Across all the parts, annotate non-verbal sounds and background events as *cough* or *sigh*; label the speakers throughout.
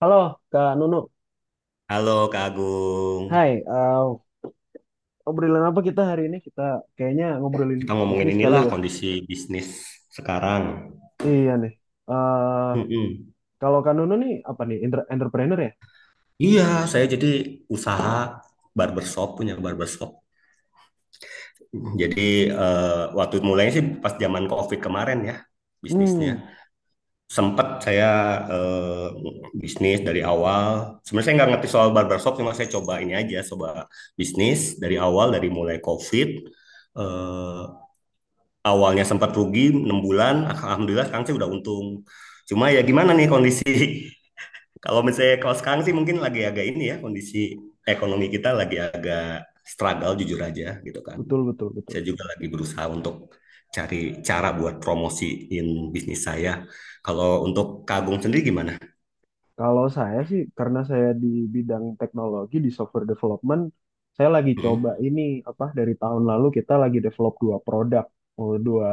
Speaker 1: Halo, Kak Nunu.
Speaker 2: Halo Kak Agung,
Speaker 1: Hai, obrolan apa kita hari ini? Kita kayaknya ngobrolin
Speaker 2: kita ngomongin
Speaker 1: bisnis kali
Speaker 2: inilah
Speaker 1: ya.
Speaker 2: kondisi bisnis sekarang.
Speaker 1: Iya nih. eh
Speaker 2: Mm-mm.
Speaker 1: Kalau Kak Nunu nih apa nih? Entrepreneur ya?
Speaker 2: Iya, saya jadi usaha barbershop, punya barbershop. Jadi eh, waktu mulainya sih pas zaman COVID kemarin ya
Speaker 1: Hmm,
Speaker 2: bisnisnya. Sempet saya eh, bisnis dari awal. Sebenarnya saya nggak ngerti soal barbershop, cuma saya coba ini aja, coba bisnis dari awal dari mulai COVID. eh, Awalnya sempat rugi 6 bulan, alhamdulillah sekarang sih udah untung. Cuma ya gimana nih kondisi *laughs* kalau misalnya kalau sekarang sih mungkin lagi agak ini ya kondisi ekonomi kita lagi agak struggle jujur aja gitu kan.
Speaker 1: betul betul betul.
Speaker 2: Saya juga lagi berusaha untuk cari cara buat promosiin bisnis saya. Kalau untuk Kagung sendiri gimana?
Speaker 1: Kalau saya sih karena saya di bidang teknologi di software development, saya lagi coba
Speaker 2: Mm-mm.
Speaker 1: ini apa dari tahun lalu kita lagi develop dua produk, oh, dua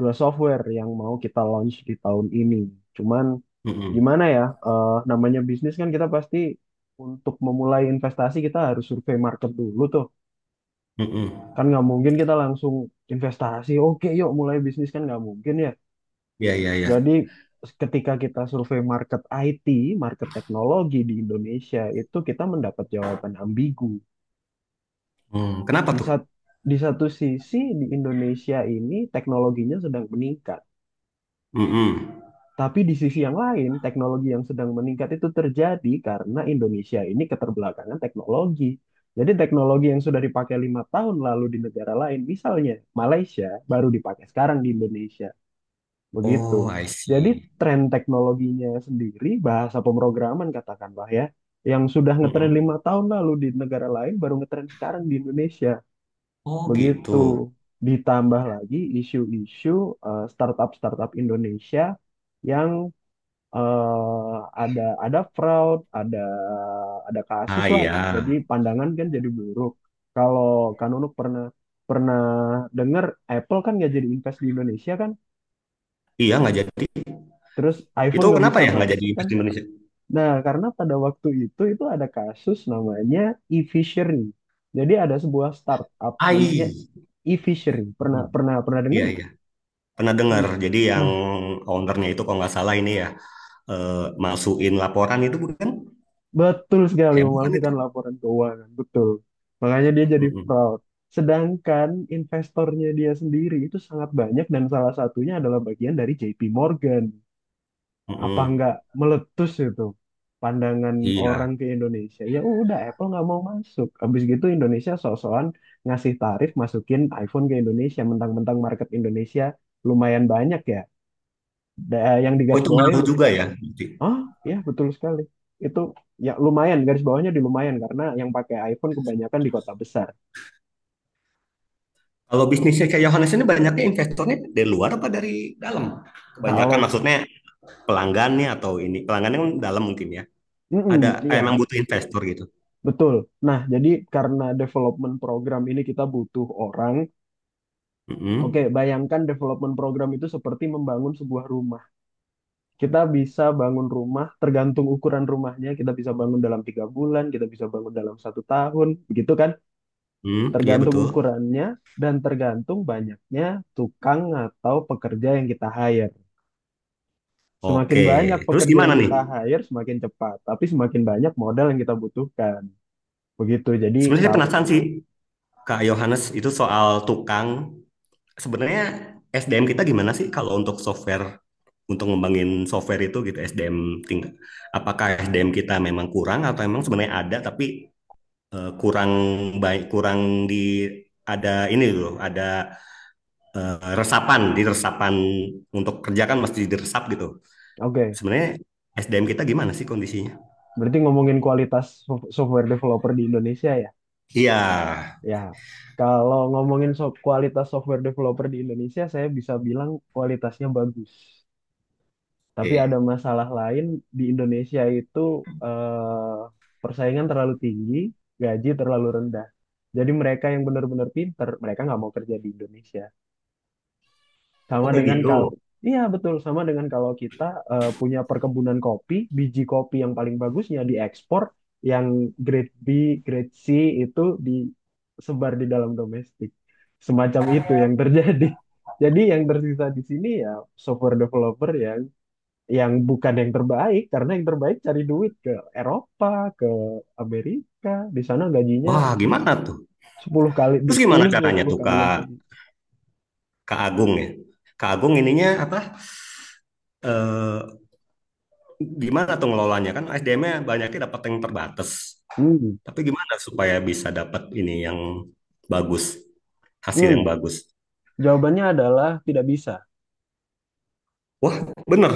Speaker 1: dua software yang mau kita launch di tahun ini. Cuman
Speaker 2: Mm-mm.
Speaker 1: gimana ya, namanya bisnis kan kita pasti untuk memulai investasi kita harus survei market dulu tuh,
Speaker 2: Mm-mm.
Speaker 1: kan nggak mungkin kita langsung investasi, oke yuk mulai bisnis kan nggak mungkin ya.
Speaker 2: Ya ya ya.
Speaker 1: Jadi ketika kita survei market IT, market teknologi di Indonesia itu kita mendapat jawaban ambigu.
Speaker 2: Hmm, kenapa
Speaker 1: di
Speaker 2: tuh?
Speaker 1: sat- di satu sisi di Indonesia ini teknologinya sedang meningkat.
Speaker 2: Mm-mm.
Speaker 1: Tapi di sisi yang lain, teknologi yang sedang meningkat itu terjadi karena Indonesia ini keterbelakangan teknologi. Jadi teknologi yang sudah dipakai 5 tahun lalu di negara lain, misalnya Malaysia, baru dipakai sekarang di Indonesia. Begitu.
Speaker 2: Oh, I
Speaker 1: Jadi
Speaker 2: see.
Speaker 1: tren teknologinya sendiri, bahasa pemrograman katakanlah ya, yang sudah ngetren
Speaker 2: Mm-mm.
Speaker 1: 5 tahun lalu di negara lain, baru ngetren sekarang di Indonesia.
Speaker 2: Oh gitu.
Speaker 1: Begitu. Ditambah lagi isu-isu, startup-startup Indonesia yang eh ada fraud, ada kasus
Speaker 2: Ah
Speaker 1: lah.
Speaker 2: iya.
Speaker 1: Jadi pandangan kan jadi buruk. Kalau Kak Nunuk pernah pernah dengar Apple kan nggak jadi invest di Indonesia kan,
Speaker 2: Iya, nggak jadi.
Speaker 1: terus iPhone
Speaker 2: Itu
Speaker 1: nggak
Speaker 2: kenapa
Speaker 1: bisa
Speaker 2: ya nggak jadi
Speaker 1: masuk kan.
Speaker 2: Best Indonesia?
Speaker 1: Nah karena pada waktu itu ada kasus namanya e-fishery. Jadi ada sebuah startup namanya
Speaker 2: AI.
Speaker 1: e-fishery. Pernah
Speaker 2: Mm,
Speaker 1: pernah pernah dengar
Speaker 2: iya,
Speaker 1: nggak?
Speaker 2: iya. Pernah
Speaker 1: Di
Speaker 2: dengar. Jadi yang
Speaker 1: Nah,
Speaker 2: ownernya itu kalau nggak salah ini ya, eh, masukin laporan itu bukan?
Speaker 1: betul sekali
Speaker 2: Heboh kan itu?
Speaker 1: memalsukan laporan keuangan, betul. Makanya dia jadi
Speaker 2: Mm-mm,
Speaker 1: fraud. Sedangkan investornya dia sendiri itu sangat banyak dan salah satunya adalah bagian dari JP Morgan. Apa nggak
Speaker 2: mm-mm.
Speaker 1: meletus itu pandangan
Speaker 2: Iya.
Speaker 1: orang ke Indonesia? Ya udah Apple nggak mau masuk. Habis gitu Indonesia sok-sokan ngasih tarif masukin iPhone ke Indonesia, mentang-mentang market Indonesia lumayan banyak ya. Yang
Speaker 2: Oh, itu
Speaker 1: digarisbawahi,
Speaker 2: ngaruh juga ya. Berarti.
Speaker 1: ah, ya betul sekali. Itu ya lumayan, garis bawahnya di lumayan karena yang pakai iPhone kebanyakan di kota besar.
Speaker 2: Kalau bisnisnya kayak Yohanes ini banyaknya investornya dari luar apa dari dalam? Kebanyakan
Speaker 1: Kalau
Speaker 2: maksudnya pelanggannya atau ini. Pelanggannya kan dalam mungkin ya.
Speaker 1: mm,
Speaker 2: Ada
Speaker 1: iya,
Speaker 2: emang butuh investor gitu.
Speaker 1: betul. Nah, jadi karena development program ini kita butuh orang. Oke,
Speaker 2: Mm-mm.
Speaker 1: bayangkan development program itu seperti membangun sebuah rumah. Kita bisa bangun rumah tergantung ukuran rumahnya. Kita bisa bangun dalam 3 bulan, kita bisa bangun dalam satu tahun, begitu kan?
Speaker 2: Mm, iya
Speaker 1: Tergantung
Speaker 2: betul.
Speaker 1: ukurannya dan tergantung banyaknya tukang atau pekerja yang kita hire. Semakin
Speaker 2: Oke,
Speaker 1: banyak
Speaker 2: terus
Speaker 1: pekerja
Speaker 2: gimana
Speaker 1: yang
Speaker 2: nih?
Speaker 1: kita hire, semakin cepat. Tapi semakin banyak modal yang kita butuhkan. Begitu. Jadi
Speaker 2: Sebenarnya saya
Speaker 1: kalau
Speaker 2: penasaran sih Kak Yohanes itu soal tukang. Sebenarnya SDM kita gimana sih kalau untuk software untuk ngembangin software itu gitu SDM tingkat apakah SDM kita memang kurang atau memang sebenarnya ada tapi kurang baik kurang di ada ini loh ada resapan di resapan untuk kerja kan mesti diresap gitu.
Speaker 1: Oke,
Speaker 2: Sebenarnya SDM kita gimana sih kondisinya?
Speaker 1: berarti ngomongin kualitas software developer di Indonesia ya.
Speaker 2: Iya,
Speaker 1: Ya, kalau ngomongin kualitas software developer di Indonesia, saya bisa bilang kualitasnya bagus. Tapi ada
Speaker 2: oke.
Speaker 1: masalah lain di Indonesia itu, eh, persaingan terlalu tinggi, gaji terlalu rendah. Jadi mereka yang benar-benar pinter, mereka nggak mau kerja di Indonesia. Sama
Speaker 2: Oke
Speaker 1: dengan kalau
Speaker 2: gitu.
Speaker 1: Iya betul, sama dengan kalau kita punya perkebunan kopi, biji kopi yang paling bagusnya diekspor, yang grade B, grade C itu disebar di dalam domestik. Semacam itu yang *laughs* terjadi. Jadi yang tersisa di sini ya software developer yang bukan yang terbaik karena yang terbaik cari duit ke Eropa, ke Amerika. Di sana gajinya
Speaker 2: Wah,
Speaker 1: se-
Speaker 2: gimana tuh?
Speaker 1: 10 kali
Speaker 2: Terus gimana
Speaker 1: sepuluh dua
Speaker 2: caranya
Speaker 1: puluh
Speaker 2: tuh
Speaker 1: kali lebih.
Speaker 2: Kak Kak Agung ya. Kak Agung ininya apa? Eh, gimana tuh ngelolanya kan SDM-nya banyaknya dapat yang terbatas.
Speaker 1: Hmm.
Speaker 2: Tapi gimana supaya bisa dapat ini yang bagus, hasil
Speaker 1: Hmm.
Speaker 2: yang bagus?
Speaker 1: Jawabannya adalah tidak bisa.
Speaker 2: Wah, bener.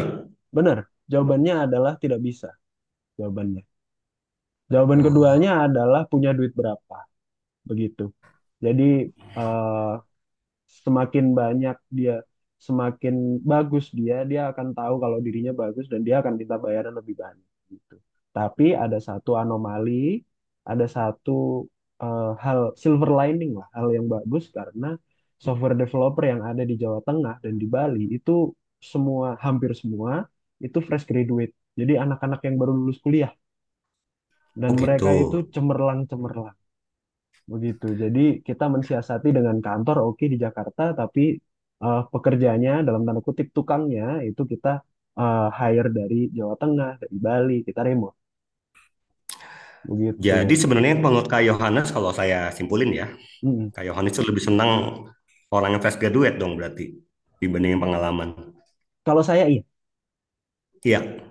Speaker 1: Benar, jawabannya adalah tidak bisa, jawabannya. Jawaban keduanya
Speaker 2: Oh,
Speaker 1: adalah punya duit berapa, begitu. Jadi, eh, semakin banyak dia semakin bagus dia dia akan tahu kalau dirinya bagus dan dia akan minta bayaran lebih banyak gitu. Tapi ada satu anomali, ada satu, hal silver lining lah, hal yang bagus karena software developer yang ada di Jawa Tengah dan di Bali itu semua, hampir semua itu fresh graduate, jadi anak-anak yang baru lulus kuliah, dan
Speaker 2: oh gitu.
Speaker 1: mereka itu cemerlang cemerlang. Begitu. Jadi kita mensiasati dengan kantor oke di Jakarta, tapi pekerjanya dalam tanda kutip tukangnya itu kita hire dari Jawa Tengah, dari Bali, kita remote.
Speaker 2: Jadi
Speaker 1: Begitu.
Speaker 2: sebenarnya menurut Kak Yohanes kalau saya simpulin ya,
Speaker 1: Mm-mm.
Speaker 2: Kak Yohanes itu lebih senang orang yang fresh graduate dong berarti dibandingin pengalaman.
Speaker 1: Kalau saya iya,
Speaker 2: Iya,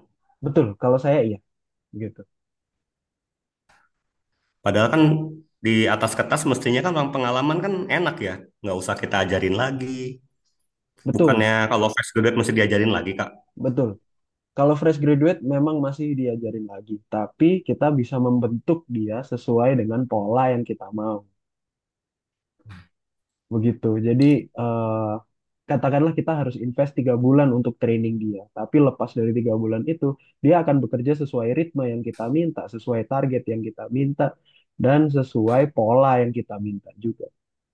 Speaker 1: betul. Kalau saya iya, begitu.
Speaker 2: padahal kan di atas kertas mestinya kan orang pengalaman kan enak ya. Nggak usah kita ajarin lagi.
Speaker 1: Betul,
Speaker 2: Bukannya kalau fresh graduate mesti diajarin lagi, Kak.
Speaker 1: betul. Kalau fresh graduate memang masih diajarin lagi, tapi kita bisa membentuk dia sesuai dengan pola yang kita mau. Begitu. Jadi, eh, katakanlah kita harus invest 3 bulan untuk training dia. Tapi lepas dari 3 bulan itu, dia akan bekerja sesuai ritme yang kita minta, sesuai target yang kita minta, dan sesuai pola yang kita minta juga.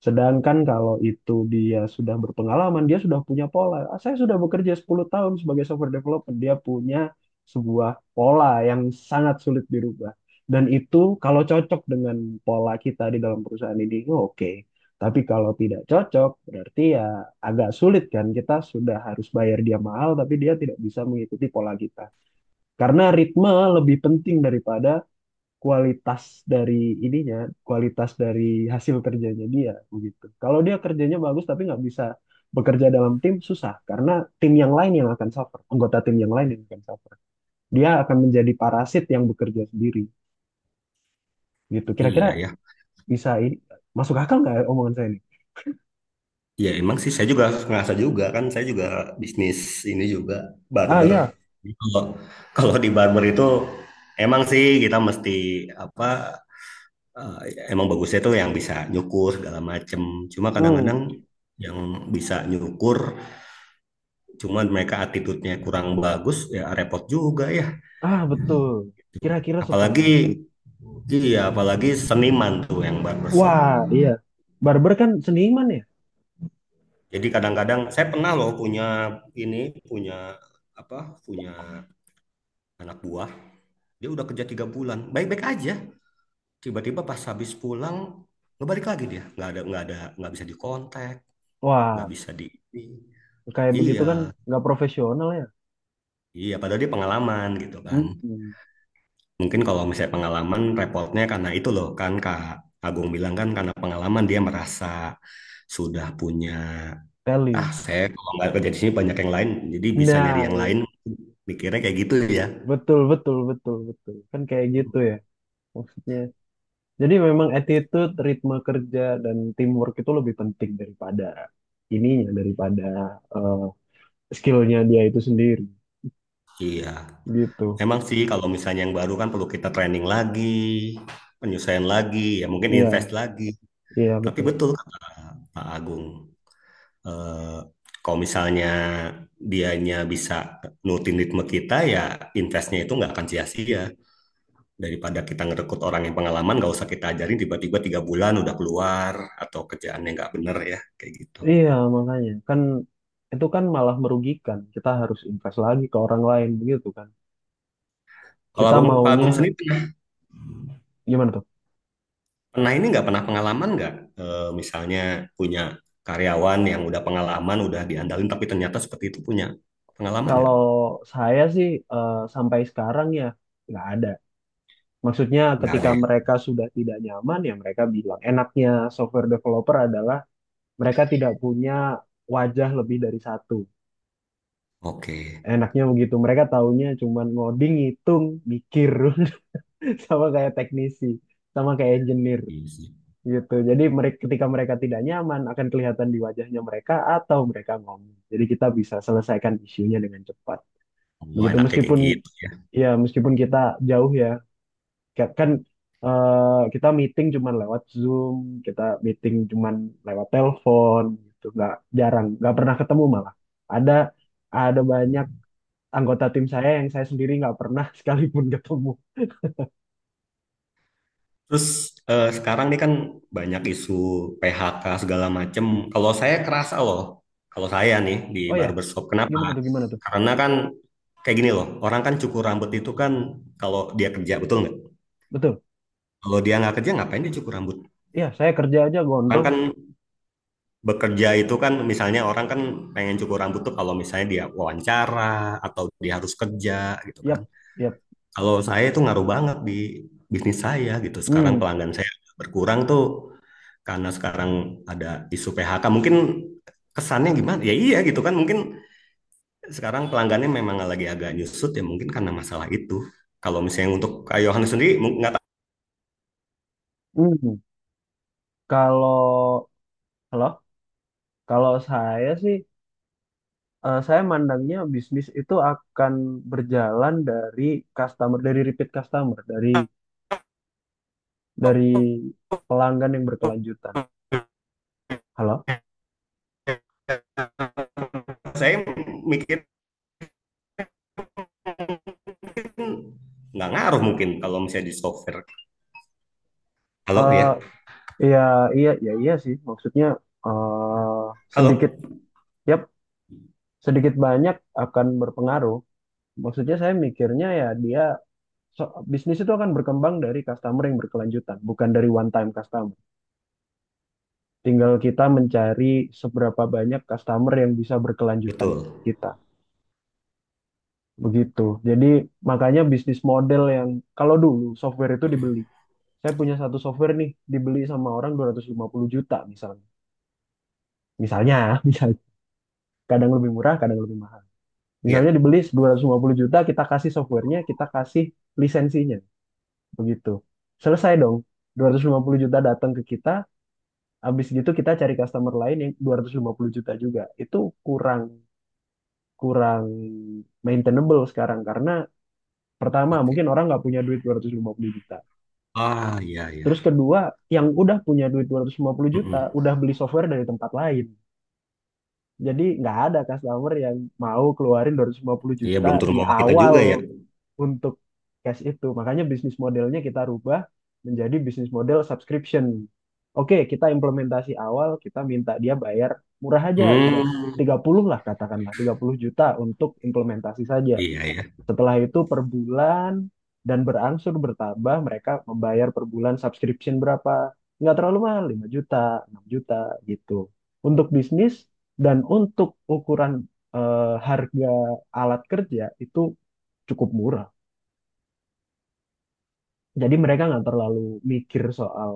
Speaker 1: Sedangkan kalau itu dia sudah berpengalaman, dia sudah punya pola. "Ah, saya sudah bekerja 10 tahun sebagai software developer." Dia punya sebuah pola yang sangat sulit dirubah. Dan itu kalau cocok dengan pola kita di dalam perusahaan ini, oh, oke. Tapi kalau tidak cocok, berarti ya agak sulit kan. Kita sudah harus bayar dia mahal, tapi dia tidak bisa mengikuti pola kita. Karena ritme lebih penting daripada kualitas dari ininya, kualitas dari hasil kerjanya dia begitu. Kalau dia kerjanya bagus tapi nggak bisa bekerja dalam tim, susah. Karena tim yang lain yang akan suffer, anggota tim yang lain yang akan suffer. Dia akan menjadi parasit yang bekerja sendiri gitu. Kira-kira
Speaker 2: Iya ya.
Speaker 1: bisa ini, masuk akal nggak ya omongan saya ini?
Speaker 2: Iya emang sih saya juga ngerasa juga kan. Saya juga bisnis ini juga
Speaker 1: Ah
Speaker 2: barber.
Speaker 1: ya,
Speaker 2: Jadi Kalau kalau di barber itu emang sih kita mesti apa eh, emang bagusnya tuh yang bisa nyukur segala macem. Cuma
Speaker 1: hmm,
Speaker 2: kadang-kadang yang bisa nyukur cuman mereka attitude-nya kurang bagus ya repot juga ya.
Speaker 1: ah, betul. Kira-kira seperti itu.
Speaker 2: Apalagi iya, apalagi seniman tuh yang barbershop.
Speaker 1: Wah, iya. Barber kan seniman ya?
Speaker 2: Jadi kadang-kadang saya pernah loh punya ini, punya apa? Punya anak buah. Dia udah kerja 3 bulan, baik-baik aja. Tiba-tiba pas habis pulang, ngebalik lagi dia. Nggak ada, nggak ada, nggak bisa dikontak, nggak
Speaker 1: Wah,
Speaker 2: bisa di.
Speaker 1: kayak begitu kan,
Speaker 2: Iya,
Speaker 1: nggak profesional ya?
Speaker 2: iya. Padahal dia pengalaman gitu kan.
Speaker 1: Hmm,
Speaker 2: Mungkin kalau misalnya pengalaman, repotnya karena itu loh kan Kak Agung bilang kan karena pengalaman dia merasa sudah punya.
Speaker 1: tell
Speaker 2: Ah,
Speaker 1: you.
Speaker 2: saya kalau nggak kerja di sini banyak yang lain, jadi bisa nyari
Speaker 1: Nah,
Speaker 2: yang lain. Mikirnya kayak gitu ya.
Speaker 1: betul, betul, betul, betul. Kan kayak gitu ya maksudnya. Jadi memang attitude, ritme kerja, dan teamwork itu lebih penting daripada ininya, daripada eh, skillnya dia itu sendiri.
Speaker 2: Iya.
Speaker 1: Gitu.
Speaker 2: Emang sih kalau misalnya yang baru kan perlu kita training lagi, penyesuaian lagi, ya mungkin invest
Speaker 1: Iya,
Speaker 2: lagi.
Speaker 1: iya
Speaker 2: Tapi
Speaker 1: betul.
Speaker 2: betul kata Pak Agung, eh, kalau misalnya dianya bisa nurutin ritme kita, ya investnya itu nggak akan sia-sia. Daripada kita ngerekrut orang yang pengalaman, nggak usah kita ajarin tiba-tiba 3 bulan udah keluar atau kerjaannya nggak bener ya, kayak gitu.
Speaker 1: Iya, makanya kan itu kan malah merugikan. Kita harus invest lagi ke orang lain begitu kan.
Speaker 2: Kalau
Speaker 1: Kita
Speaker 2: Abang, Pak Abang
Speaker 1: maunya
Speaker 2: sendiri pernah,
Speaker 1: gimana tuh?
Speaker 2: pernah ini nggak pernah pengalaman nggak? Misalnya punya karyawan yang udah pengalaman, udah diandalin, tapi ternyata seperti itu punya pengalaman nggak?
Speaker 1: Kalau saya sih, sampai sekarang ya nggak ada. Maksudnya
Speaker 2: Nggak ada
Speaker 1: ketika
Speaker 2: ya?
Speaker 1: mereka sudah tidak nyaman ya mereka bilang enaknya software developer adalah mereka tidak punya wajah lebih dari satu.
Speaker 2: Oke,
Speaker 1: Enaknya begitu. Mereka taunya cuman ngoding, ngitung, mikir *laughs* sama kayak teknisi, sama kayak engineer.
Speaker 2: iya sih.
Speaker 1: Gitu. Jadi mereka ketika mereka tidak nyaman akan kelihatan di wajahnya mereka atau mereka ngomong. Jadi kita bisa selesaikan isunya dengan cepat.
Speaker 2: Oh,
Speaker 1: Begitu
Speaker 2: enaknya kayak
Speaker 1: meskipun
Speaker 2: gitu ya.
Speaker 1: ya meskipun kita jauh ya, kan, kita meeting cuman lewat Zoom, kita meeting cuman lewat telepon gitu. Nggak jarang, nggak pernah ketemu malah. Ada ada banyak anggota tim saya yang saya sendiri nggak pernah *laughs* sekalipun ketemu.
Speaker 2: Terus sekarang nih kan banyak isu PHK segala macem. Kalau saya kerasa loh, kalau saya nih di
Speaker 1: Oh ya,
Speaker 2: barbershop, kenapa?
Speaker 1: gimana tuh gimana tuh?
Speaker 2: Karena kan kayak gini loh, orang kan cukur rambut itu kan kalau dia kerja, betul nggak?
Speaker 1: Betul.
Speaker 2: Kalau dia nggak kerja, ngapain dia cukur rambut?
Speaker 1: Iya, saya kerja aja
Speaker 2: Orang
Speaker 1: gondrong.
Speaker 2: kan bekerja itu kan misalnya orang kan pengen cukur rambut tuh kalau misalnya dia wawancara atau dia harus kerja gitu kan.
Speaker 1: Yap, yap.
Speaker 2: Kalau saya itu ngaruh banget di bisnis saya gitu. Sekarang
Speaker 1: Hmm.
Speaker 2: pelanggan saya berkurang tuh karena sekarang ada isu PHK. Mungkin kesannya gimana? Ya iya gitu kan. Mungkin sekarang pelanggannya memang lagi agak nyusut ya mungkin karena masalah itu. Kalau misalnya untuk Kak Yohanes sendiri nggak tahu
Speaker 1: Hmm, Kalau halo, kalau saya sih, saya mandangnya bisnis itu akan berjalan dari customer dari repeat customer dari pelanggan yang berkelanjutan. Halo.
Speaker 2: saya mikir kan nggak ngaruh mungkin kalau misalnya di software. Halo ya,
Speaker 1: Eh iya iya iya iya sih maksudnya, eh sedikit,
Speaker 2: halo,
Speaker 1: yap, sedikit banyak akan berpengaruh. Maksudnya saya mikirnya ya dia, bisnis itu akan berkembang dari customer yang berkelanjutan, bukan dari one time customer. Tinggal kita mencari seberapa banyak customer yang bisa berkelanjutan
Speaker 2: betul.
Speaker 1: dengan kita. Begitu. Jadi makanya bisnis model yang kalau dulu software itu dibeli.
Speaker 2: Mm,
Speaker 1: Saya punya satu software nih dibeli sama orang 250 juta misalnya. Misalnya, *laughs* misalnya kadang lebih murah, kadang lebih mahal.
Speaker 2: iya,
Speaker 1: Misalnya dibeli 250 juta, kita kasih softwarenya, kita kasih lisensinya. Begitu. Selesai dong. 250 juta datang ke kita, habis gitu kita cari customer lain yang 250 juta juga. Itu kurang, kurang maintainable sekarang karena pertama
Speaker 2: oke.
Speaker 1: mungkin orang nggak punya duit 250 juta.
Speaker 2: Ah, iya
Speaker 1: Terus
Speaker 2: ya.
Speaker 1: kedua, yang udah punya duit 250 juta
Speaker 2: Mm-mm.
Speaker 1: udah beli software dari tempat lain. Jadi nggak ada customer yang mau keluarin 250
Speaker 2: Iya
Speaker 1: juta
Speaker 2: belum turun
Speaker 1: di
Speaker 2: mama kita
Speaker 1: awal
Speaker 2: juga ya.
Speaker 1: untuk cash itu. Makanya bisnis modelnya kita rubah menjadi bisnis model subscription. Oke, kita implementasi awal, kita minta dia bayar murah aja,
Speaker 2: Hmm,
Speaker 1: puluh lah katakanlah, 30 juta untuk implementasi saja.
Speaker 2: iya ya,
Speaker 1: Setelah itu per bulan dan berangsur bertambah mereka membayar per bulan subscription berapa? Nggak terlalu mahal, 5 juta, 6 juta gitu. Untuk bisnis dan untuk ukuran, harga alat kerja itu cukup murah. Jadi mereka nggak terlalu mikir soal,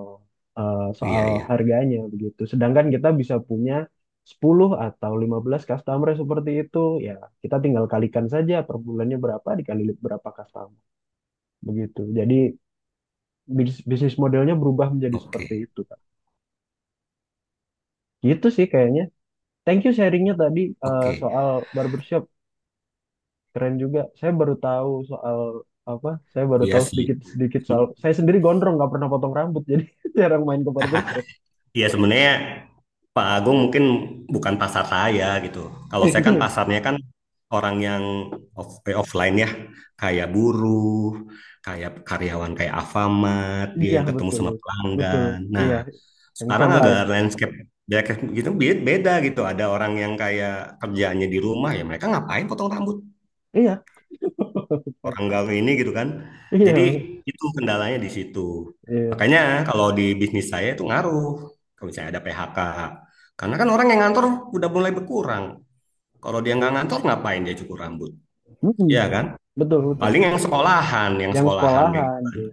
Speaker 2: iya
Speaker 1: soal
Speaker 2: ya.
Speaker 1: harganya begitu. Sedangkan kita bisa punya 10 atau 15 customer seperti itu, ya kita tinggal kalikan saja per bulannya berapa dikali berapa customer begitu. Jadi bisnis modelnya berubah menjadi
Speaker 2: Oke,
Speaker 1: seperti itu Kak. Gitu sih kayaknya. Thank you sharingnya tadi,
Speaker 2: oke.
Speaker 1: soal barbershop. Keren juga. Saya baru tahu soal apa? Saya baru
Speaker 2: Iya
Speaker 1: tahu
Speaker 2: sih.
Speaker 1: sedikit-sedikit soal. Saya sendiri gondrong nggak pernah potong rambut *laughs* jadi jarang main ke barbershop.
Speaker 2: Iya sebenarnya Pak Agung mungkin bukan pasar saya gitu. Kalau saya kan
Speaker 1: *laughs*
Speaker 2: pasarnya kan orang yang offline ya, kayak buruh, kayak karyawan kayak Alfamart, dia
Speaker 1: Iya
Speaker 2: yang ketemu
Speaker 1: betul,
Speaker 2: sama
Speaker 1: betul.
Speaker 2: pelanggan. Nah,
Speaker 1: Iya, yang
Speaker 2: sekarang agak
Speaker 1: frontliner.
Speaker 2: landscape ya kayak gitu beda gitu. Ada orang yang kayak kerjaannya di rumah ya mereka ngapain potong rambut
Speaker 1: Iya.
Speaker 2: orang nggak
Speaker 1: *laughs*
Speaker 2: ini gitu kan. Jadi
Speaker 1: Iya,
Speaker 2: itu kendalanya di situ.
Speaker 1: iya.
Speaker 2: Makanya kalau di bisnis saya itu ngaruh. Kalau misalnya ada PHK, karena kan orang yang ngantor udah mulai berkurang. Kalau dia nggak ngantor ngapain dia cukur rambut?
Speaker 1: Mm-mm.
Speaker 2: Ya kan?
Speaker 1: Betul, betul.
Speaker 2: Paling yang
Speaker 1: Yang
Speaker 2: sekolahan kayak gitu
Speaker 1: sekolahan,
Speaker 2: kan.
Speaker 1: iya.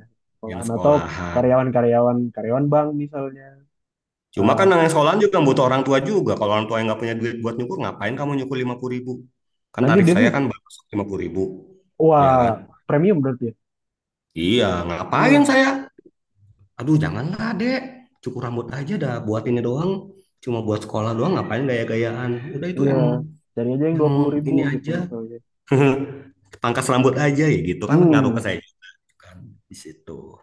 Speaker 2: Yang
Speaker 1: Sekolahan atau
Speaker 2: sekolahan.
Speaker 1: karyawan-karyawan, karyawan bank misalnya.
Speaker 2: Cuma
Speaker 1: Eh,
Speaker 2: kan yang sekolahan juga butuh orang tua juga. Kalau orang tua yang nggak punya duit buat nyukur, ngapain kamu nyukur 50 ribu? Kan
Speaker 1: nanti
Speaker 2: tarif
Speaker 1: dia
Speaker 2: saya kan baru 50 ribu. Ya
Speaker 1: Wah,
Speaker 2: kan?
Speaker 1: premium berarti ya?
Speaker 2: Iya, ngapain
Speaker 1: Hmm,
Speaker 2: saya? Aduh, janganlah, Dek. Cukur rambut aja dah, buat ini doang. Cuma buat sekolah doang, ngapain gaya-gayaan? Udah itu
Speaker 1: iya.
Speaker 2: yang
Speaker 1: Cari aja yang
Speaker 2: yang
Speaker 1: 20 ribu
Speaker 2: ini
Speaker 1: gitu
Speaker 2: aja.
Speaker 1: misalnya.
Speaker 2: *laughs* Pangkas rambut aja ya gitu kan ngaruh ke
Speaker 1: Hmm,
Speaker 2: saya juga kan di situ.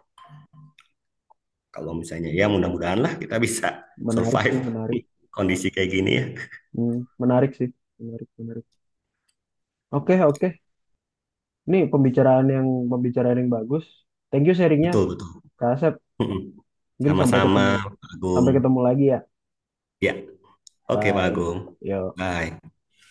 Speaker 2: Kalau misalnya ya mudah-mudahan lah kita bisa
Speaker 1: Menarik
Speaker 2: survive
Speaker 1: sih, menarik.
Speaker 2: *laughs* kondisi kayak gini ya.
Speaker 1: Hmm, Menarik sih, menarik, menarik. Oke, oke. Ini pembicaraan yang bagus. Thank you sharingnya,
Speaker 2: Betul, betul.
Speaker 1: Kak Asep.
Speaker 2: *laughs*
Speaker 1: Mungkin
Speaker 2: Sama-sama, Pak
Speaker 1: sampai
Speaker 2: Agung.
Speaker 1: ketemu lagi ya.
Speaker 2: Ya, oke Pak
Speaker 1: Bye.
Speaker 2: Agung.
Speaker 1: Yo.
Speaker 2: Bye.